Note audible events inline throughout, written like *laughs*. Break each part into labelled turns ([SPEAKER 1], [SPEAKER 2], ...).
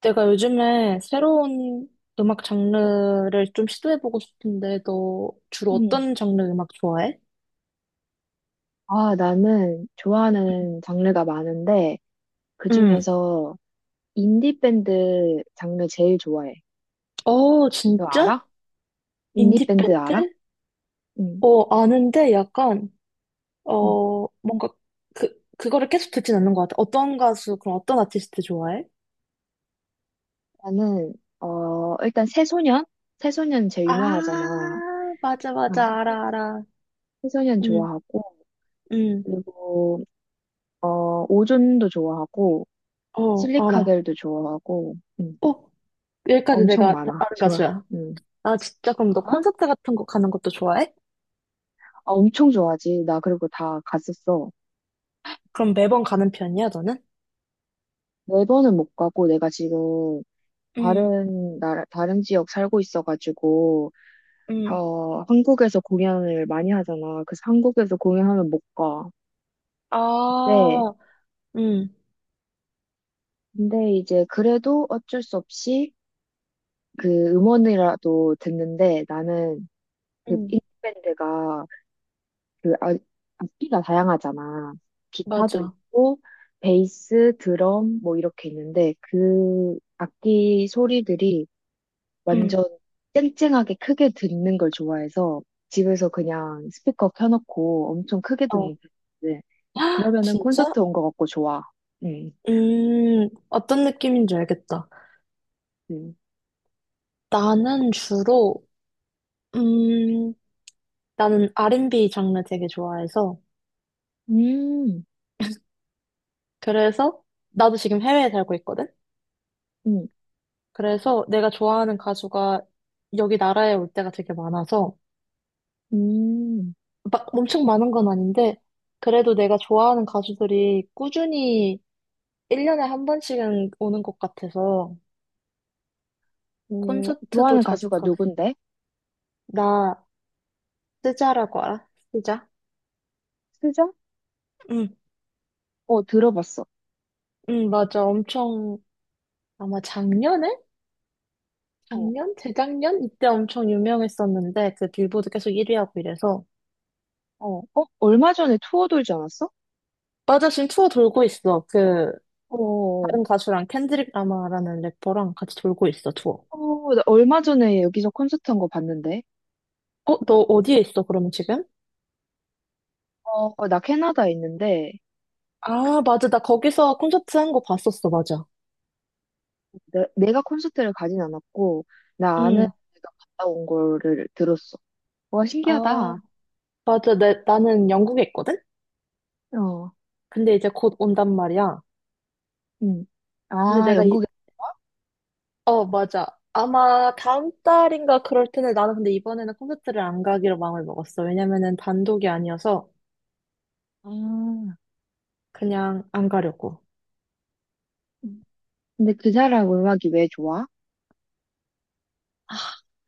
[SPEAKER 1] 내가 요즘에 새로운 음악 장르를 좀 시도해보고 싶은데, 너 주로
[SPEAKER 2] 음.
[SPEAKER 1] 어떤 장르 음악 좋아해?
[SPEAKER 2] 아, 나는 좋아하는 장르가 많은데,
[SPEAKER 1] 응.
[SPEAKER 2] 그중에서 인디밴드 장르 제일 좋아해.
[SPEAKER 1] 어,
[SPEAKER 2] 너
[SPEAKER 1] 진짜?
[SPEAKER 2] 알아? 인디밴드 알아?
[SPEAKER 1] 인디밴드?
[SPEAKER 2] 응,
[SPEAKER 1] 어, 아는데 약간,
[SPEAKER 2] 응.
[SPEAKER 1] 뭔가 그거를 계속 듣진 않는 것 같아. 그럼 어떤 아티스트 좋아해?
[SPEAKER 2] 나는, 일단 새소년? 새소년 제일
[SPEAKER 1] 아,
[SPEAKER 2] 유명하잖아. 응.
[SPEAKER 1] 맞아. 알아, 알아.
[SPEAKER 2] 새소년
[SPEAKER 1] 응,
[SPEAKER 2] 좋아하고,
[SPEAKER 1] 응.
[SPEAKER 2] 그리고, 오존도 좋아하고,
[SPEAKER 1] 어, 알아.
[SPEAKER 2] 실리카겔도 좋아하고, 응.
[SPEAKER 1] 어, 여기까지
[SPEAKER 2] 엄청
[SPEAKER 1] 내가
[SPEAKER 2] 많아. *laughs*
[SPEAKER 1] 아는
[SPEAKER 2] 좋아.
[SPEAKER 1] 가수야.
[SPEAKER 2] 응.
[SPEAKER 1] 아, 진짜? 그럼 너
[SPEAKER 2] 어? 아,
[SPEAKER 1] 콘서트 같은 거 가는 것도 좋아해?
[SPEAKER 2] 엄청 좋아하지. 나 그리고 다 갔었어.
[SPEAKER 1] 그럼 매번 가는 편이야, 너는?
[SPEAKER 2] 네 번은 못 가고, 내가 지금,
[SPEAKER 1] 응,
[SPEAKER 2] 다른 나라, 다른 지역 살고 있어가지고,
[SPEAKER 1] 응.
[SPEAKER 2] 한국에서 공연을 많이 하잖아. 그래서 한국에서 공연하면 못 가.
[SPEAKER 1] 아,
[SPEAKER 2] 근데,
[SPEAKER 1] 응,
[SPEAKER 2] 근데 이제 그래도 어쩔 수 없이 그 음원이라도 듣는데 나는 그
[SPEAKER 1] 응.
[SPEAKER 2] 빅밴드가 그 아- 악기가 다양하잖아. 기타도
[SPEAKER 1] 맞아.
[SPEAKER 2] 있고, 베이스, 드럼, 뭐 이렇게 있는데 그 악기 소리들이
[SPEAKER 1] 응,
[SPEAKER 2] 완전 쨍쨍하게 크게 듣는 걸 좋아해서 집에서 그냥 스피커 켜놓고 엄청 크게
[SPEAKER 1] 어.
[SPEAKER 2] 듣는
[SPEAKER 1] *gasps*
[SPEAKER 2] 편인데
[SPEAKER 1] 헉,
[SPEAKER 2] 그러면은
[SPEAKER 1] 진짜?
[SPEAKER 2] 콘서트 온 것 같고 좋아. 응,
[SPEAKER 1] 어떤 느낌인지 알겠다.
[SPEAKER 2] 응.
[SPEAKER 1] 나는 주로, 음, 나는 R&B 장르 되게 좋아해서,
[SPEAKER 2] 음,
[SPEAKER 1] 그래서, 나도 지금 해외에 살고 있거든?
[SPEAKER 2] 음,
[SPEAKER 1] 그래서 내가 좋아하는 가수가 여기 나라에 올 때가 되게 많아서,
[SPEAKER 2] 음.
[SPEAKER 1] 막 엄청 많은 건 아닌데, 그래도 내가 좋아하는 가수들이 꾸준히 1년에 한 번씩은 오는 것 같아서,
[SPEAKER 2] 어,
[SPEAKER 1] 콘서트도
[SPEAKER 2] 좋아하는
[SPEAKER 1] 자주
[SPEAKER 2] 가수가
[SPEAKER 1] 가.
[SPEAKER 2] 누군데?
[SPEAKER 1] 나 쓰자라고 알아? 쓰자?
[SPEAKER 2] 수정?
[SPEAKER 1] 응,
[SPEAKER 2] 어, 들어봤어.
[SPEAKER 1] 응, 맞아. 엄청 아마 작년에?
[SPEAKER 2] 어,
[SPEAKER 1] 작년? 재작년? 이때 엄청 유명했었는데 그 빌보드 계속 1위 하고 이래서.
[SPEAKER 2] 어, 어, 얼마 전에 투어 돌지 않았어?
[SPEAKER 1] 맞아, 지금 투어 돌고 있어. 그
[SPEAKER 2] 어,
[SPEAKER 1] 다른 가수랑 켄드릭 라마라는 래퍼랑 같이 돌고 있어, 투어.
[SPEAKER 2] 어, 나 얼마 전에 여기서 콘서트 한 거 봤는데.
[SPEAKER 1] 어, 너 어디에 있어, 그러면 지금?
[SPEAKER 2] 어, 나 캐나다에 있는데
[SPEAKER 1] 아, 맞아. 나 거기서 콘서트 한 거 봤었어, 맞아.
[SPEAKER 2] 내가 콘서트를 가진 않았고 나 아는
[SPEAKER 1] 응.
[SPEAKER 2] 애가 갔다 온 거를 들었어. 와
[SPEAKER 1] 아,
[SPEAKER 2] 신기하다.
[SPEAKER 1] 맞아. 나는 영국에 있거든?
[SPEAKER 2] 어,
[SPEAKER 1] 근데 이제 곧 온단 말이야.
[SPEAKER 2] 응.
[SPEAKER 1] 근데
[SPEAKER 2] 아
[SPEAKER 1] 내가 이,
[SPEAKER 2] 영국에.
[SPEAKER 1] 어, 맞아. 아마 다음 달인가 그럴 텐데 나는 근데 이번에는 콘서트를 안 가기로 마음을 먹었어. 왜냐면은 단독이 아니어서
[SPEAKER 2] 아,
[SPEAKER 1] 그냥 안 가려고.
[SPEAKER 2] 근데 그 사람 음악이 왜 좋아?
[SPEAKER 1] 아,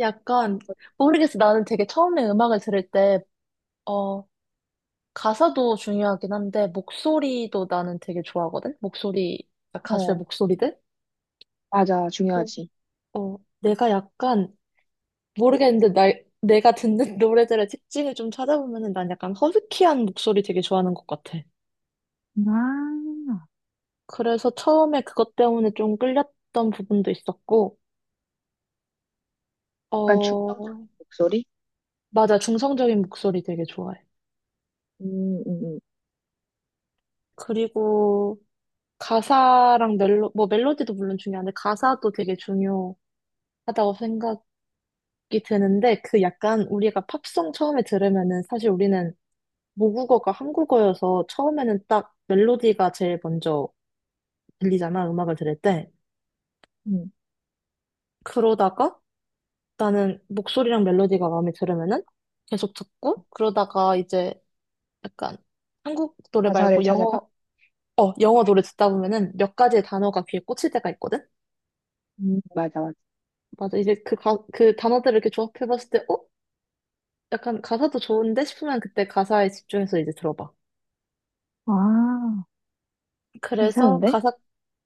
[SPEAKER 1] 약간 모르겠어. 나는 되게 처음에 음악을 들을 때, 어, 가사도 중요하긴 한데 목소리도 나는 되게 좋아하거든. 목소리, 가수의
[SPEAKER 2] 어,
[SPEAKER 1] 목소리들.
[SPEAKER 2] 맞아
[SPEAKER 1] 어,
[SPEAKER 2] 중요하지.
[SPEAKER 1] 어, 내가 약간 모르겠는데 나, 내가 듣는 *laughs* 노래들의 특징을 좀 찾아보면은 난 약간 허스키한 목소리 되게 좋아하는 것 같아.
[SPEAKER 2] 아,
[SPEAKER 1] 그래서 처음에 그것 때문에 좀 끌렸던 부분도 있었고,
[SPEAKER 2] 약간 중성적인
[SPEAKER 1] 어,
[SPEAKER 2] 목소리?
[SPEAKER 1] 맞아. 중성적인 목소리 되게 좋아해.
[SPEAKER 2] 음, 음,
[SPEAKER 1] 그리고 가사랑 멜로, 뭐 멜로디도 물론 중요한데 가사도 되게 중요하다고 생각이 드는데 그 약간 우리가 팝송 처음에 들으면은 사실 우리는 모국어가 한국어여서 처음에는 딱 멜로디가 제일 먼저 들리잖아. 음악을 들을 때.
[SPEAKER 2] 음, 음.
[SPEAKER 1] 그러다가 나는 목소리랑 멜로디가 마음에 들으면은 계속 듣고 그러다가 이제 약간 한국 노래
[SPEAKER 2] 가사를
[SPEAKER 1] 말고
[SPEAKER 2] 찾아봐.
[SPEAKER 1] 영어, 어, 영어 노래 듣다 보면은 몇 가지의 단어가 귀에 꽂힐 때가 있거든?
[SPEAKER 2] 맞아, 맞아.
[SPEAKER 1] 맞아. 이제 그 단어들을 이렇게 조합해봤을 때, 어? 약간 가사도 좋은데 싶으면 그때 가사에 집중해서 이제 들어봐.
[SPEAKER 2] 와,
[SPEAKER 1] 그래서
[SPEAKER 2] 괜찮은데?
[SPEAKER 1] 가사,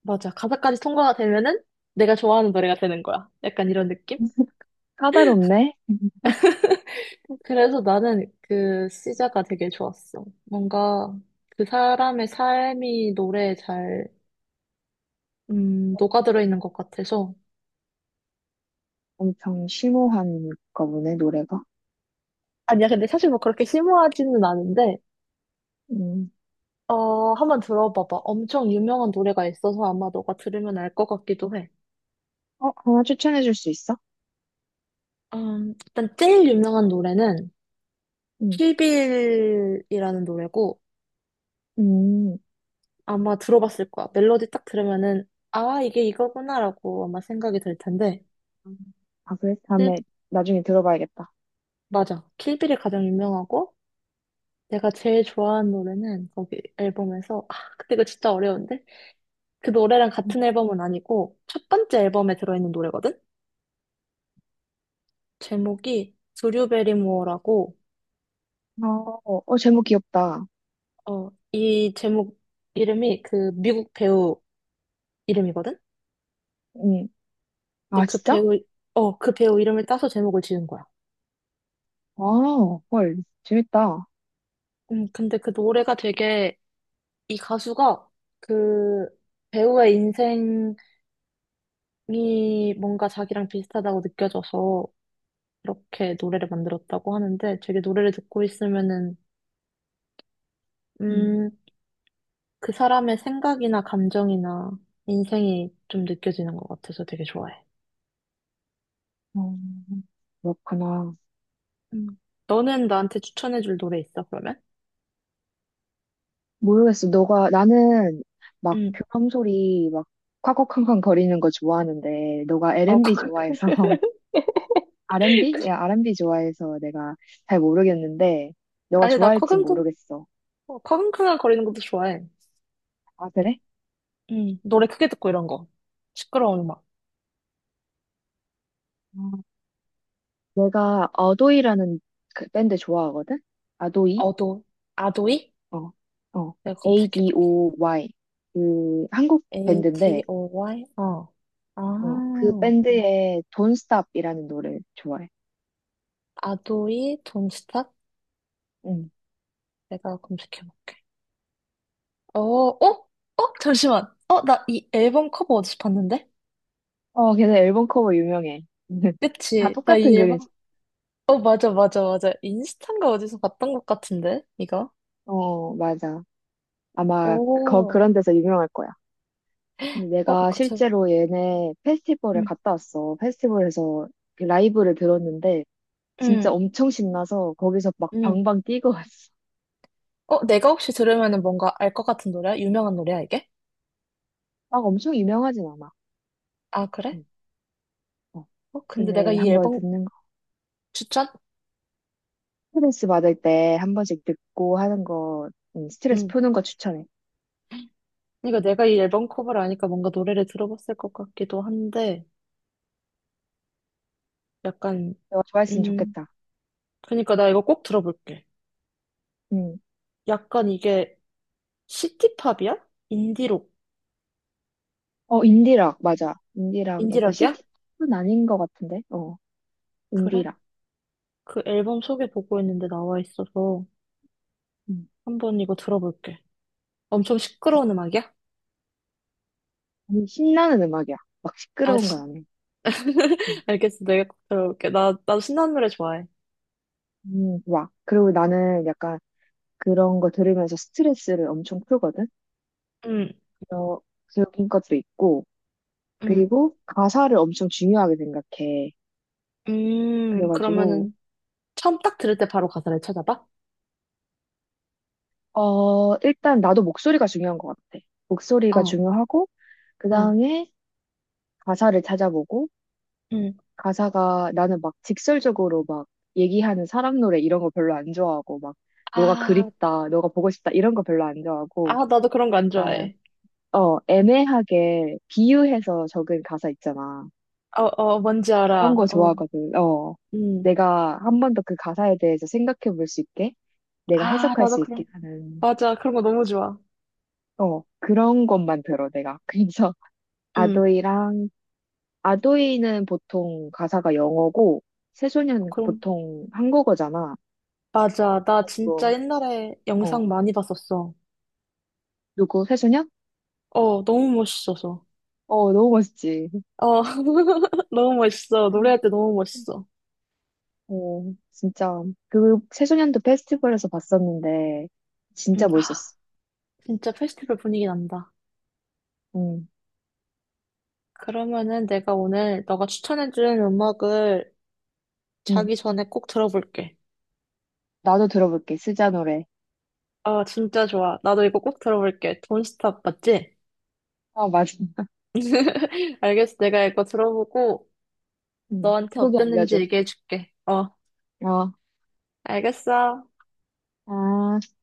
[SPEAKER 1] 맞아. 가사까지 통과가 되면은 내가 좋아하는 노래가 되는 거야. 약간 이런 느낌?
[SPEAKER 2] 까다롭네.
[SPEAKER 1] 그래서 나는 그 시자가 되게 좋았어. 뭔가 그 사람의 삶이 노래에 잘, 녹아들어 있는 것 같아서.
[SPEAKER 2] 엄청 심오한가 보네, 노래가.
[SPEAKER 1] 아니야, 근데 사실 뭐 그렇게 심오하지는 않은데,
[SPEAKER 2] 음.
[SPEAKER 1] 어, 한번 들어봐봐. 엄청 유명한 노래가 있어서 아마 너가 들으면 알 것 같기도 해.
[SPEAKER 2] 어, 하나 추천해 줄 수 있어?
[SPEAKER 1] 일단 제일 유명한 노래는
[SPEAKER 2] 음.
[SPEAKER 1] 킬빌이라는 노래고
[SPEAKER 2] 음.
[SPEAKER 1] 아마 들어봤을 거야. 멜로디 딱 들으면은 아, 이게 이거구나라고 아마 생각이 들 텐데.
[SPEAKER 2] 아, 그래?
[SPEAKER 1] 킬-
[SPEAKER 2] 다음에 나중에 들어봐야겠다.
[SPEAKER 1] 맞아. 킬빌이 가장 유명하고 내가 제일 좋아하는 노래는 거기 앨범에서 아, 근데 이거 진짜 어려운데? 그 노래랑 같은 앨범은 아니고 첫 번째 앨범에 들어있는 노래거든? 제목이 드류 베리모어라고
[SPEAKER 2] 어, 어, 제목 귀엽다.
[SPEAKER 1] 어, 이 제목 이름이 그 미국 배우 이름이거든?
[SPEAKER 2] 응.
[SPEAKER 1] 근데
[SPEAKER 2] 아,
[SPEAKER 1] 그
[SPEAKER 2] 진짜?
[SPEAKER 1] 배우, 어, 그 배우 이름을 따서 제목을 지은 거야.
[SPEAKER 2] 아, 헐. 재밌다.
[SPEAKER 1] 근데 그 노래가 되게 이 가수가 그 배우의 인생이 뭔가 자기랑 비슷하다고 느껴져서 그렇게 노래를 만들었다고 하는데 되게 노래를 듣고 있으면은,
[SPEAKER 2] 음.
[SPEAKER 1] 음, 그 사람의 생각이나 감정이나 인생이 좀 느껴지는 것 같아서 되게 좋아해.
[SPEAKER 2] 어, 그렇구나.
[SPEAKER 1] 음. 너는 나한테 추천해줄 노래 있어, 그러면?
[SPEAKER 2] 모르겠어. 너가, 나는 막 교감 소리 막 콱콱콱콱 거리는 거 좋아하는데, 너가
[SPEAKER 1] 어,
[SPEAKER 2] R&B
[SPEAKER 1] 커-
[SPEAKER 2] 좋아해서, *laughs* R&B? 야,
[SPEAKER 1] *laughs*
[SPEAKER 2] R&B 좋아해서 내가 잘 모르겠는데, 너가
[SPEAKER 1] 아니,
[SPEAKER 2] 좋아할진 모르겠어.
[SPEAKER 1] 커금큰한 거리는 것도 좋아해.
[SPEAKER 2] 아, 그래?
[SPEAKER 1] 응. 노래 크게 듣고 이런 거. 시끄러운 음악.
[SPEAKER 2] 어, 내가 아도이라는 그 밴드 좋아하거든? 아도이?
[SPEAKER 1] 어도, 아도이?
[SPEAKER 2] 어, 어,
[SPEAKER 1] 내가 검색해볼게.
[SPEAKER 2] ADOY. 그, 한국
[SPEAKER 1] a T
[SPEAKER 2] 밴드인데,
[SPEAKER 1] o y 어.
[SPEAKER 2] 어. 그
[SPEAKER 1] 아,
[SPEAKER 2] 밴드의 Don't Stop이라는 노래 좋아해.
[SPEAKER 1] 아도이 돈스탑?
[SPEAKER 2] 응.
[SPEAKER 1] 내가 검색해볼게. 어, 어? 잠시만. 어, 나 이 앨범 커버 어디서 봤는데?
[SPEAKER 2] 어, 걔네 앨범 커버 유명해. *laughs* 다
[SPEAKER 1] 그치? 나 이
[SPEAKER 2] 똑같은
[SPEAKER 1] 앨범.
[SPEAKER 2] 그림자.
[SPEAKER 1] 어, 맞아, 맞아, 맞아. 인스타인가 어디서 봤던 것 같은데? 이거?
[SPEAKER 2] 어, 맞아. 아마
[SPEAKER 1] 오.
[SPEAKER 2] 그런 데서 유명할 거야.
[SPEAKER 1] 어,
[SPEAKER 2] 내가
[SPEAKER 1] 그치.
[SPEAKER 2] 실제로 얘네 페스티벌에
[SPEAKER 1] 응,
[SPEAKER 2] 갔다 왔어. 페스티벌에서 그 라이브를 들었는데 진짜
[SPEAKER 1] 응,
[SPEAKER 2] 엄청 신나서 거기서 막
[SPEAKER 1] 응.
[SPEAKER 2] 방방 뛰고 *laughs* 왔어.
[SPEAKER 1] 어, 내가 혹시 들으면은 뭔가 알 것 같은 노래야? 유명한 노래야, 이게?
[SPEAKER 2] 막 엄청 유명하진 않아.
[SPEAKER 1] 아, 그래?
[SPEAKER 2] 응. 어.
[SPEAKER 1] 어, 근데 내가
[SPEAKER 2] 근데
[SPEAKER 1] 이
[SPEAKER 2] 한번
[SPEAKER 1] 앨범
[SPEAKER 2] 듣는
[SPEAKER 1] 추천?
[SPEAKER 2] 스트레스 받을 때 한 번씩 듣고 하는 거, 스트레스
[SPEAKER 1] 응.
[SPEAKER 2] 푸는 거 추천해.
[SPEAKER 1] 그러니까 내가 이 앨범 커버를 아니까 뭔가 노래를 들어봤을 것 같기도 한데, 약간,
[SPEAKER 2] 내가 좋아했으면
[SPEAKER 1] 음,
[SPEAKER 2] 좋겠다.
[SPEAKER 1] 그러니까 나 이거 꼭 들어볼게.
[SPEAKER 2] 음.
[SPEAKER 1] 약간 이게 시티팝이야? 인디록,
[SPEAKER 2] 어, 인디락, 맞아. 인디락, 약간
[SPEAKER 1] 인디락이야?
[SPEAKER 2] 시티팝은 아닌 것 같은데? 어,
[SPEAKER 1] 그래?
[SPEAKER 2] 인디락.
[SPEAKER 1] 그 앨범 소개 보고 있는데 나와 있어서
[SPEAKER 2] 음.
[SPEAKER 1] 한번 이거 들어볼게. 엄청 시끄러운 음악이야?
[SPEAKER 2] 신나는 음악이야. 막
[SPEAKER 1] 아,
[SPEAKER 2] 시끄러운 건
[SPEAKER 1] 시...
[SPEAKER 2] 아니야. 어.
[SPEAKER 1] *laughs* 알겠어. 내가 꼭 들어볼게. 나 신나는 노래 좋아해.
[SPEAKER 2] 좋아. 그리고 나는 약간 그런 거 들으면서 스트레스를 엄청 풀거든?
[SPEAKER 1] 응,
[SPEAKER 2] 그런, 그런 것도 있고,
[SPEAKER 1] 응.
[SPEAKER 2] 그리고 가사를 엄청 중요하게 생각해. 그래가지고,
[SPEAKER 1] 그러면은 처음 딱 들을 때 바로 가사를 찾아봐?
[SPEAKER 2] 일단 나도 목소리가 중요한 것 같아. 목소리가
[SPEAKER 1] 어,
[SPEAKER 2] 중요하고, 그
[SPEAKER 1] 어,
[SPEAKER 2] 다음에 가사를 찾아보고,
[SPEAKER 1] 음.
[SPEAKER 2] 가사가 나는 막 직설적으로 막 얘기하는 사람 노래 이런 거 별로 안 좋아하고, 막 너가
[SPEAKER 1] 아,
[SPEAKER 2] 그립다, 너가 보고 싶다 이런 거 별로 안
[SPEAKER 1] 아,
[SPEAKER 2] 좋아하고,
[SPEAKER 1] 나도 그런 거 안
[SPEAKER 2] 아,
[SPEAKER 1] 좋아해.
[SPEAKER 2] 애매하게 비유해서 적은 가사 있잖아.
[SPEAKER 1] 어, 어, 뭔지
[SPEAKER 2] 그런
[SPEAKER 1] 알아.
[SPEAKER 2] 거
[SPEAKER 1] 어,
[SPEAKER 2] 좋아하거든. 어.
[SPEAKER 1] 음.
[SPEAKER 2] 내가 한 번 더 그 가사에 대해서 생각해 볼 수 있게, 내가
[SPEAKER 1] 아,
[SPEAKER 2] 해석할
[SPEAKER 1] 나도
[SPEAKER 2] 수 있게 하는,
[SPEAKER 1] 맞아. 그런 거 너무 좋아.
[SPEAKER 2] 어, 그런 것만 들어, 내가. *laughs* 그래서
[SPEAKER 1] 음,
[SPEAKER 2] 아도이랑 아도이는 보통 가사가 영어고 새소년
[SPEAKER 1] 그럼,
[SPEAKER 2] 보통 한국어잖아. 그래
[SPEAKER 1] 맞아. 나 진짜
[SPEAKER 2] 가지고
[SPEAKER 1] 옛날에
[SPEAKER 2] 어
[SPEAKER 1] 영상 많이 봤었어.
[SPEAKER 2] 누구 새소년?
[SPEAKER 1] 어, 너무 멋있어서.
[SPEAKER 2] 어 너무 멋있지.
[SPEAKER 1] 어, *laughs* 너무 멋있어. 노래할 때 너무 멋있어.
[SPEAKER 2] 어 진짜 그 새소년도 페스티벌에서 봤었는데 진짜
[SPEAKER 1] 아,
[SPEAKER 2] 멋있었어.
[SPEAKER 1] 진짜 페스티벌 분위기 난다.
[SPEAKER 2] 응,
[SPEAKER 1] 그러면은 내가 오늘 너가 추천해준 음악을
[SPEAKER 2] 응.
[SPEAKER 1] 자기 전에 꼭 들어볼게.
[SPEAKER 2] 나도 들어볼게 스자 노래.
[SPEAKER 1] 아, 진짜 좋아. 나도 이거 꼭 들어볼게. 돈스탑 맞지?
[SPEAKER 2] 아 맞아.
[SPEAKER 1] *laughs* 알겠어. 내가 이거 들어보고
[SPEAKER 2] 응.
[SPEAKER 1] 너한테
[SPEAKER 2] 후기
[SPEAKER 1] 어땠는지
[SPEAKER 2] 알려줘.
[SPEAKER 1] 얘기해줄게. 어,
[SPEAKER 2] 어.
[SPEAKER 1] 알겠어.
[SPEAKER 2] 아.